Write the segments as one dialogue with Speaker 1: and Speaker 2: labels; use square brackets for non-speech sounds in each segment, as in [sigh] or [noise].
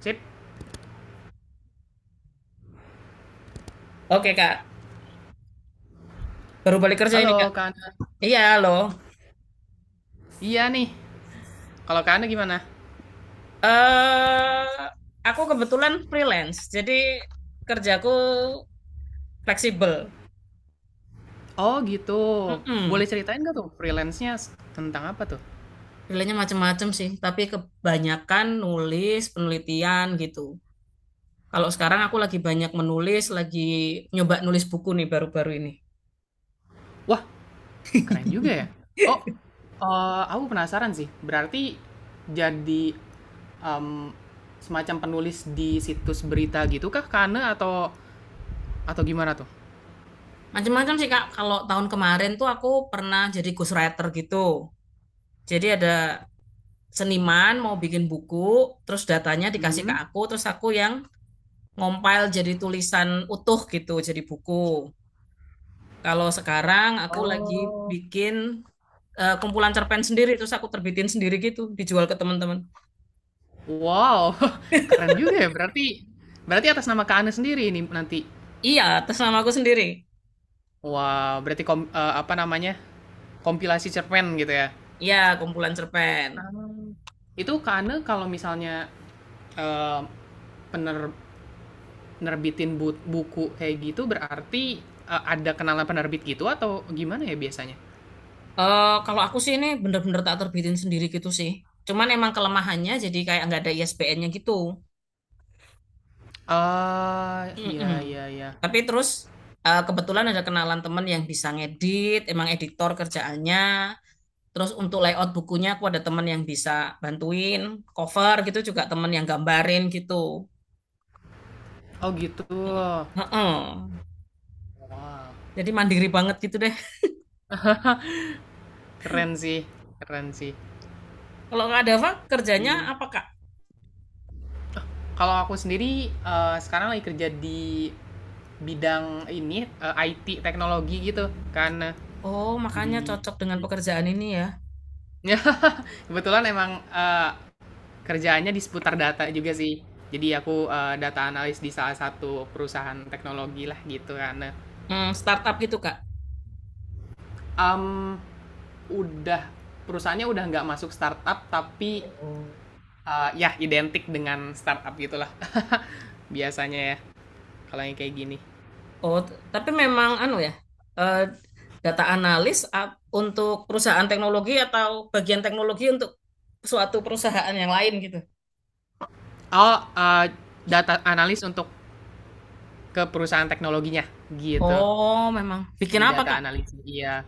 Speaker 1: Sip.
Speaker 2: Oke Kak, baru balik kerja ini Kak.
Speaker 1: Halo, Kak Ana.
Speaker 2: Iya loh.
Speaker 1: Iya nih. Kalau Kak Ana gimana?
Speaker 2: Eh, aku kebetulan freelance, jadi kerjaku fleksibel.
Speaker 1: Oh, gitu. Boleh
Speaker 2: Mm-mm.
Speaker 1: ceritain nggak tuh freelance-nya tentang apa tuh?
Speaker 2: Pilihannya macam-macam sih, tapi kebanyakan nulis, penelitian gitu. Kalau sekarang aku lagi banyak menulis, lagi nyoba nulis buku nih baru-baru ini.
Speaker 1: Wah, keren juga ya.
Speaker 2: [laughs]
Speaker 1: Oh, aku penasaran sih. Berarti jadi em, semacam penulis di situs berita gitu kah, Kak Ana? Atau gimana tuh?
Speaker 2: Macam-macam sih Kak. Kalau tahun kemarin tuh aku pernah jadi ghostwriter gitu. Jadi ada seniman mau bikin buku, terus datanya dikasih ke
Speaker 1: Mhm.
Speaker 2: aku, terus aku yang ngompil jadi tulisan utuh gitu, jadi buku. Kalau sekarang aku lagi
Speaker 1: Oh.
Speaker 2: bikin kumpulan cerpen sendiri, terus aku terbitin sendiri gitu, dijual ke teman-teman.
Speaker 1: Wow, [laughs] keren juga ya. Berarti atas nama Kak Ana sendiri ini nanti.
Speaker 2: Iya, atas nama aku sendiri.
Speaker 1: Wah, berarti apa namanya, kompilasi cerpen gitu ya?
Speaker 2: Iya, kumpulan cerpen.
Speaker 1: Mmm, itu Kak, kalau misalnya, eee, pener nerbitin but buku kayak gitu berarti, ada kenalan penerbit gitu atau gimana ya biasanya?
Speaker 2: Kalau aku sih ini bener-bener tak terbitin sendiri gitu sih. Cuman emang kelemahannya jadi kayak nggak ada ISBN-nya gitu.
Speaker 1: Ah, iya
Speaker 2: Mm-mm.
Speaker 1: iya iya.
Speaker 2: Tapi terus kebetulan ada kenalan temen yang bisa ngedit, emang editor kerjaannya. Terus untuk layout bukunya aku ada temen yang bisa bantuin, cover gitu juga temen yang gambarin gitu.
Speaker 1: Oh gitu.
Speaker 2: Heeh.
Speaker 1: Wah,
Speaker 2: Jadi mandiri banget gitu deh.
Speaker 1: keren sih keren sih.
Speaker 2: Kalau nggak ada apa, kerjanya
Speaker 1: Iya.
Speaker 2: apa Kak?
Speaker 1: Kalau aku sendiri, sekarang lagi kerja di bidang ini, IT teknologi gitu, Kak.
Speaker 2: Oh, makanya
Speaker 1: Di
Speaker 2: cocok dengan pekerjaan ini ya.
Speaker 1: [laughs] ya kebetulan emang, kerjaannya di seputar data juga sih. Jadi aku, data analis di salah satu perusahaan teknologi lah gitu kan. Nah,
Speaker 2: Hmm, startup gitu Kak.
Speaker 1: mmm, udah perusahaannya udah nggak masuk startup tapi,
Speaker 2: Oh.
Speaker 1: ya identik dengan startup gitulah [laughs] biasanya ya kalau yang kayak gini.
Speaker 2: Oh, tapi memang anu ya, eh, data analis untuk perusahaan teknologi atau bagian teknologi untuk suatu perusahaan yang lain gitu.
Speaker 1: Oh, data analis untuk ke perusahaan teknologinya gitu.
Speaker 2: Oh, memang. Bikin
Speaker 1: Jadi
Speaker 2: apa,
Speaker 1: data
Speaker 2: Kak?
Speaker 1: analis iya.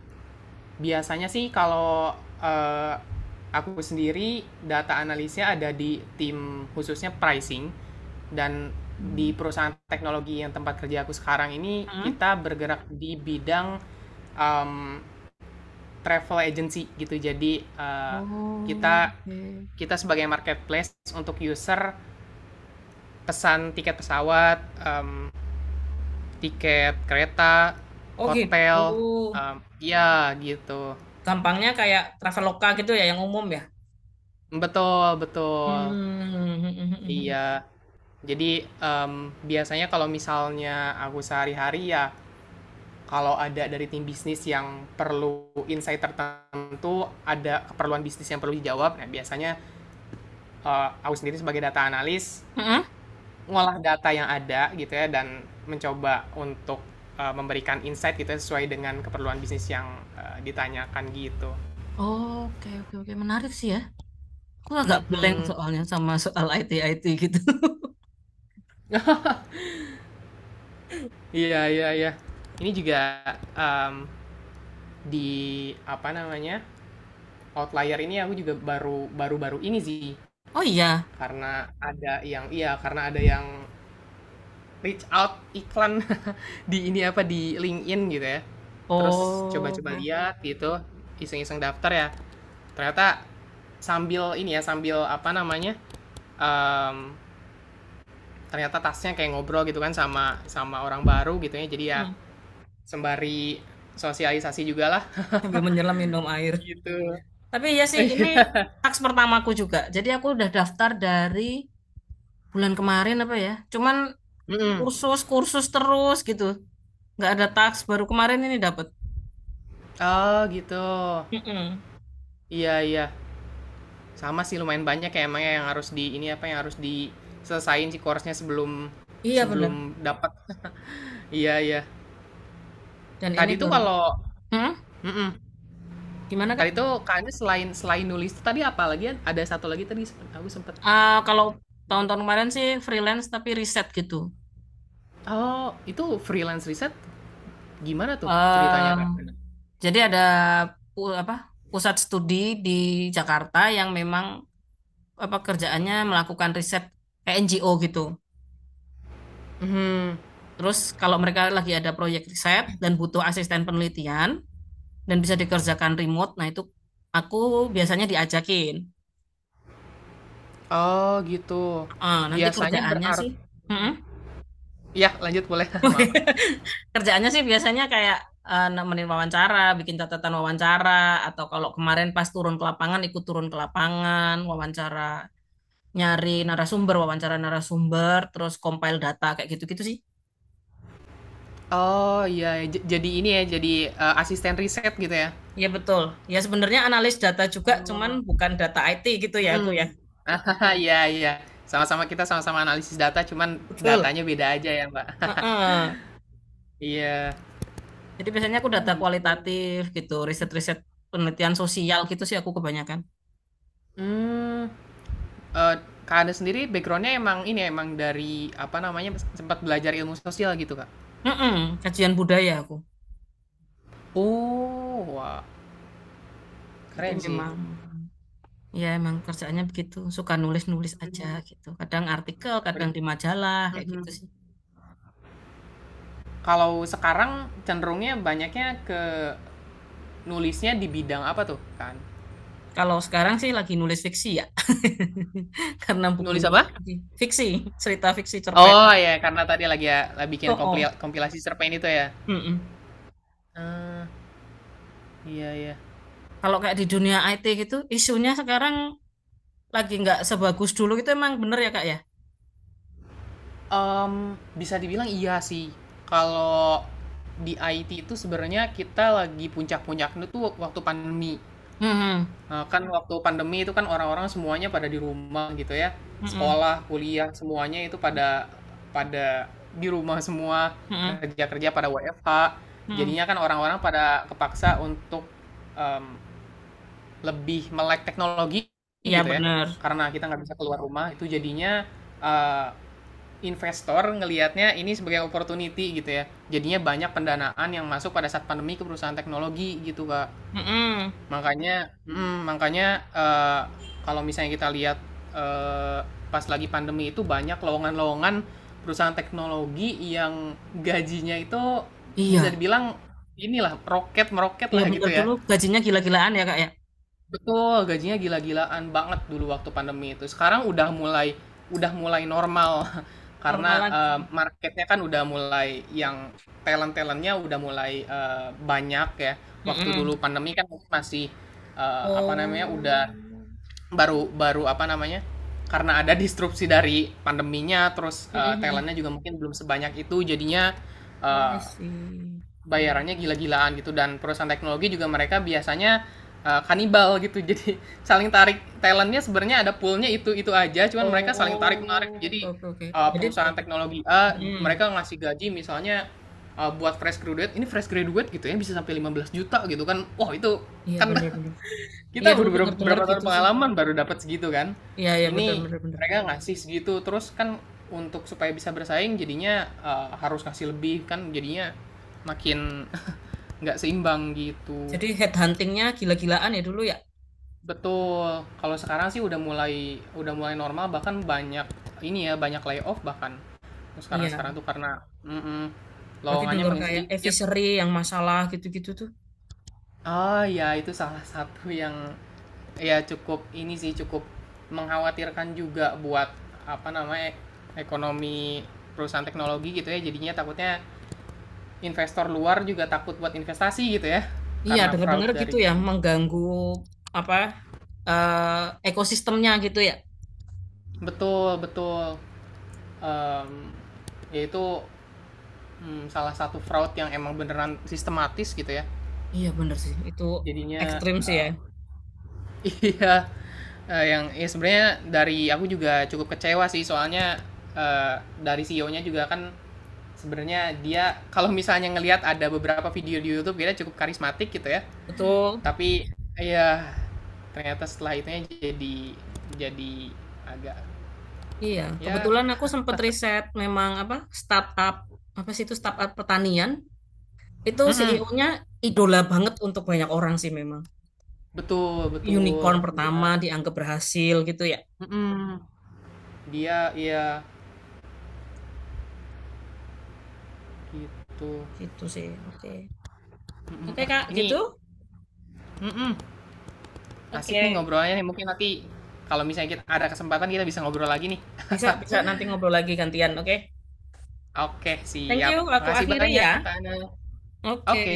Speaker 1: Biasanya sih kalau eh, aku sendiri data analisnya ada di tim khususnya pricing dan
Speaker 2: Hmm.
Speaker 1: di perusahaan teknologi yang tempat kerja aku sekarang ini
Speaker 2: Hmm?
Speaker 1: kita bergerak di bidang um, travel agency gitu. Jadi eh,
Speaker 2: Oh,
Speaker 1: kita
Speaker 2: oke.
Speaker 1: kita sebagai marketplace untuk user pesan tiket pesawat, em, tiket kereta,
Speaker 2: Oh, gitu.
Speaker 1: hotel, ya gitu.
Speaker 2: Gampangnya kayak Traveloka gitu ya, yang umum ya.
Speaker 1: Betul, betul.
Speaker 2: Hmm.
Speaker 1: Iya, jadi biasanya kalau misalnya aku sehari-hari ya, kalau ada dari tim bisnis yang perlu insight tertentu, ada keperluan bisnis yang perlu dijawab, nah biasanya aku sendiri sebagai data analis
Speaker 2: Hmm.
Speaker 1: ngolah data yang ada gitu ya, dan mencoba untuk memberikan insight gitu ya, sesuai dengan keperluan bisnis yang ditanyakan gitu.
Speaker 2: Oke, oke, oke. Menarik sih ya. Aku agak blank
Speaker 1: Mm-mm.
Speaker 2: soalnya sama soal IT-IT gitu. [laughs]
Speaker 1: Iya, iya, iya. Ini juga em, di apa namanya? Outlier ini aku juga baru baru baru ini sih,
Speaker 2: Oh iya.
Speaker 1: karena ada yang reach out iklan [laughs] di ini apa di LinkedIn gitu ya, terus
Speaker 2: Oh,
Speaker 1: coba-coba
Speaker 2: oke.
Speaker 1: lihat gitu, iseng-iseng daftar ya, ternyata sambil ini ya sambil apa namanya, em, ternyata tasnya kayak ngobrol gitu kan sama sama orang baru gitu ya, jadi ya
Speaker 2: Hmm.
Speaker 1: sembari sosialisasi juga lah
Speaker 2: Sambil menyelam minum air.
Speaker 1: gitu.
Speaker 2: Tapi ya sih ini
Speaker 1: [laughs]
Speaker 2: taks pertamaku juga. Jadi aku udah daftar dari bulan kemarin apa ya. Cuman
Speaker 1: Mm-mm.
Speaker 2: kursus kursus terus gitu. Nggak ada taks baru kemarin ini dapat.
Speaker 1: Oh gitu,
Speaker 2: Mm-mm.
Speaker 1: iya iya. Sama sih, lumayan banyak ya emangnya yang harus di ini apa yang harus diselesain sih course-nya sebelum
Speaker 2: Iya
Speaker 1: sebelum
Speaker 2: bener.
Speaker 1: dapat. [laughs] Iya iya.
Speaker 2: Dan ini
Speaker 1: Tadi tuh
Speaker 2: baru.
Speaker 1: kalau
Speaker 2: Hmm?
Speaker 1: mhm,
Speaker 2: Gimana Kak?
Speaker 1: tadi tuh Kak, selain selain nulis tuh tadi apa lagi ya? Ada satu lagi tadi sempet aku sempet.
Speaker 2: Ah, kalau tahun-tahun kemarin sih freelance tapi riset gitu.
Speaker 1: Oh, itu freelance riset gimana tuh ceritanya
Speaker 2: eh
Speaker 1: Kak?
Speaker 2: jadi ada apa pusat studi di Jakarta yang memang apa kerjaannya melakukan riset kayak NGO gitu.
Speaker 1: Mhm.
Speaker 2: Terus kalau mereka lagi ada proyek riset dan butuh asisten penelitian dan bisa dikerjakan remote, nah itu aku biasanya diajakin.
Speaker 1: Oh gitu.
Speaker 2: Nanti
Speaker 1: Biasanya
Speaker 2: kerjaannya sih,
Speaker 1: berarti,
Speaker 2: Mm-mm.
Speaker 1: ya lanjut boleh, [laughs] maaf.
Speaker 2: [laughs] Kerjaannya sih biasanya kayak nemenin wawancara, bikin catatan wawancara, atau kalau kemarin pas turun ke lapangan ikut turun ke lapangan, wawancara nyari narasumber, wawancara narasumber, terus compile data kayak gitu-gitu sih.
Speaker 1: Oh iya, jadi ini ya jadi, asisten riset gitu ya?
Speaker 2: Iya betul. Ya sebenarnya analis data juga, cuman
Speaker 1: Oh.
Speaker 2: bukan data IT gitu ya aku ya.
Speaker 1: Mhm. [laughs] Iya iya. Kita sama-sama analisis data, cuman
Speaker 2: [laughs] Betul.
Speaker 1: datanya beda aja ya, Mbak. [laughs]
Speaker 2: Heeh.
Speaker 1: Iya.
Speaker 2: Jadi biasanya aku
Speaker 1: Oh,
Speaker 2: data
Speaker 1: gitu.
Speaker 2: kualitatif gitu, riset-riset penelitian sosial gitu sih aku kebanyakan.
Speaker 1: Mmm, kak Kakaknya sendiri backgroundnya emang ini ya, emang dari, apa namanya, sempat belajar ilmu sosial gitu, Kak?
Speaker 2: Heeh, kajian budaya aku.
Speaker 1: Oh, wah,
Speaker 2: Jadi
Speaker 1: keren sih.
Speaker 2: memang ya emang kerjaannya begitu, suka nulis-nulis aja
Speaker 1: Mmm,
Speaker 2: gitu. Kadang artikel, kadang
Speaker 1: beret
Speaker 2: di majalah kayak gitu
Speaker 1: mhm.
Speaker 2: sih.
Speaker 1: Kalau sekarang cenderungnya banyaknya ke nulisnya di bidang apa tuh, kan.
Speaker 2: Kalau sekarang sih lagi nulis fiksi ya. [laughs] Karena
Speaker 1: Nulis
Speaker 2: bukunya
Speaker 1: apa?
Speaker 2: fiksi, fiksi, cerita fiksi cerpen.
Speaker 1: Oh, ya karena tadi lagi ya, bikin
Speaker 2: Oh, oh.
Speaker 1: kompilasi cerpen itu ya?
Speaker 2: Mm-mm.
Speaker 1: Ah, iya iya.
Speaker 2: Kalau kayak di dunia IT gitu, isunya sekarang lagi nggak sebagus dulu itu emang bener ya Kak ya?
Speaker 1: Mmm, bisa dibilang iya sih. Kalau di IT itu sebenarnya kita lagi puncak-puncaknya tuh waktu pandemi.
Speaker 2: Hmm,
Speaker 1: Kan waktu pandemi itu kan orang-orang semuanya pada di rumah gitu ya. Sekolah, kuliah, semuanya itu pada pada di rumah semua,
Speaker 2: hmm,
Speaker 1: kerja-kerja pada WFH.
Speaker 2: Mm-mm.
Speaker 1: Jadinya kan orang-orang pada kepaksa untuk, mmm, lebih melek teknologi gitu
Speaker 2: Iya
Speaker 1: ya,
Speaker 2: bener.
Speaker 1: karena kita nggak bisa keluar rumah itu jadinya, eee investor ngelihatnya ini sebagai opportunity gitu ya. Jadinya banyak pendanaan yang masuk pada saat pandemi ke perusahaan teknologi gitu, Kak.
Speaker 2: Mm-mm.
Speaker 1: Makanya, kalau misalnya kita lihat eh, pas lagi pandemi itu banyak lowongan-lowongan perusahaan teknologi yang gajinya itu bisa
Speaker 2: Iya,
Speaker 1: dibilang inilah roket meroket
Speaker 2: iya
Speaker 1: lah
Speaker 2: bener
Speaker 1: gitu
Speaker 2: dulu
Speaker 1: ya.
Speaker 2: gajinya gila-gilaan ya Kak ya.
Speaker 1: Betul, gajinya gila-gilaan banget dulu waktu pandemi itu. Sekarang udah mulai normal [laughs] karena
Speaker 2: Normal lagi.
Speaker 1: marketnya kan udah mulai yang talent-talentnya udah mulai banyak ya. Waktu dulu
Speaker 2: Mm-mm.
Speaker 1: pandemi kan mungkin masih apa namanya, udah
Speaker 2: Oh,
Speaker 1: baru baru apa namanya, karena ada disrupsi dari pandeminya terus
Speaker 2: Mm-mm.
Speaker 1: talentnya juga mungkin belum sebanyak itu jadinya
Speaker 2: Oh, I
Speaker 1: eh,
Speaker 2: see.
Speaker 1: bayarannya gila-gilaan gitu, dan perusahaan teknologi juga mereka biasanya kanibal gitu, [laughs] jadi saling tarik talentnya, sebenarnya ada poolnya itu aja, cuman mereka saling tarik menarik,
Speaker 2: Oh,
Speaker 1: jadi
Speaker 2: oke, oke, oke. Jadi,
Speaker 1: perusahaan teknologi A
Speaker 2: mm
Speaker 1: mereka ngasih gaji misalnya buat fresh graduate gitu ya bisa sampai 15 juta gitu kan, wah itu
Speaker 2: iya
Speaker 1: kan
Speaker 2: benar
Speaker 1: [laughs]
Speaker 2: benar. Iya
Speaker 1: kita
Speaker 2: dulu
Speaker 1: udah berapa,
Speaker 2: dengar dengar
Speaker 1: berapa tahun
Speaker 2: gitu sih.
Speaker 1: pengalaman baru dapat segitu kan.
Speaker 2: Iya, iya benar
Speaker 1: Ini
Speaker 2: benar benar.
Speaker 1: mereka ngasih segitu terus kan, untuk supaya bisa bersaing jadinya harus ngasih lebih kan, jadinya makin nggak seimbang gitu.
Speaker 2: Jadi head huntingnya gila-gilaan ya dulu ya.
Speaker 1: Betul. Kalau sekarang sih udah mulai normal, bahkan banyak ini ya, banyak layoff bahkan sekarang sekarang
Speaker 2: Iya.
Speaker 1: tuh karena mm-mm,
Speaker 2: Berarti
Speaker 1: lowongannya
Speaker 2: dengar
Speaker 1: makin
Speaker 2: kayak
Speaker 1: sedikit.
Speaker 2: Fishery yang masalah gitu-gitu tuh.
Speaker 1: Ah ya, itu salah satu yang ya cukup ini sih, cukup mengkhawatirkan juga buat apa namanya ekonomi perusahaan teknologi gitu ya, jadinya takutnya investor luar juga takut buat investasi gitu ya,
Speaker 2: Iya
Speaker 1: karena
Speaker 2: dengar
Speaker 1: fraud
Speaker 2: dengar gitu
Speaker 1: dari
Speaker 2: ya mengganggu apa eh ekosistemnya gitu ya.
Speaker 1: betul betul Mmm, yaitu, mmm, salah satu fraud yang emang beneran sistematis gitu ya.
Speaker 2: Iya bener sih, itu
Speaker 1: Jadinya,
Speaker 2: ekstrim sih ya.
Speaker 1: eee [laughs] iya, yang ya sebenarnya dari aku juga cukup kecewa sih soalnya, eee, dari CEO-nya juga kan, sebenarnya dia kalau misalnya ngelihat ada beberapa video di YouTube dia cukup karismatik gitu ya,
Speaker 2: Betul.
Speaker 1: tapi iya, ternyata setelah itunya jadi jadi agak
Speaker 2: Iya,
Speaker 1: ya,
Speaker 2: kebetulan aku sempat riset memang apa startup apa sih itu startup pertanian itu
Speaker 1: mhm,
Speaker 2: CEO-nya idola banget untuk banyak orang sih memang.
Speaker 1: betul betul,
Speaker 2: Unicorn
Speaker 1: iya,
Speaker 2: pertama dianggap berhasil gitu ya.
Speaker 1: mhm. Dia iya gitu.
Speaker 2: Gitu sih. Oke.
Speaker 1: Mhm,
Speaker 2: Oke
Speaker 1: wah,
Speaker 2: Kak,
Speaker 1: ini
Speaker 2: gitu.
Speaker 1: mhm, asik nih
Speaker 2: Oke.
Speaker 1: ngobrolnya nih. Mungkin nanti kalau misalnya kita ada kesempatan kita bisa ngobrol lagi nih.
Speaker 2: Bisa bisa nanti ngobrol lagi gantian, oke?
Speaker 1: Oke,
Speaker 2: Thank
Speaker 1: siap.
Speaker 2: you, aku
Speaker 1: Makasih
Speaker 2: akhiri
Speaker 1: banyak,
Speaker 2: ya.
Speaker 1: Kak Ana.
Speaker 2: Oke.
Speaker 1: Oke.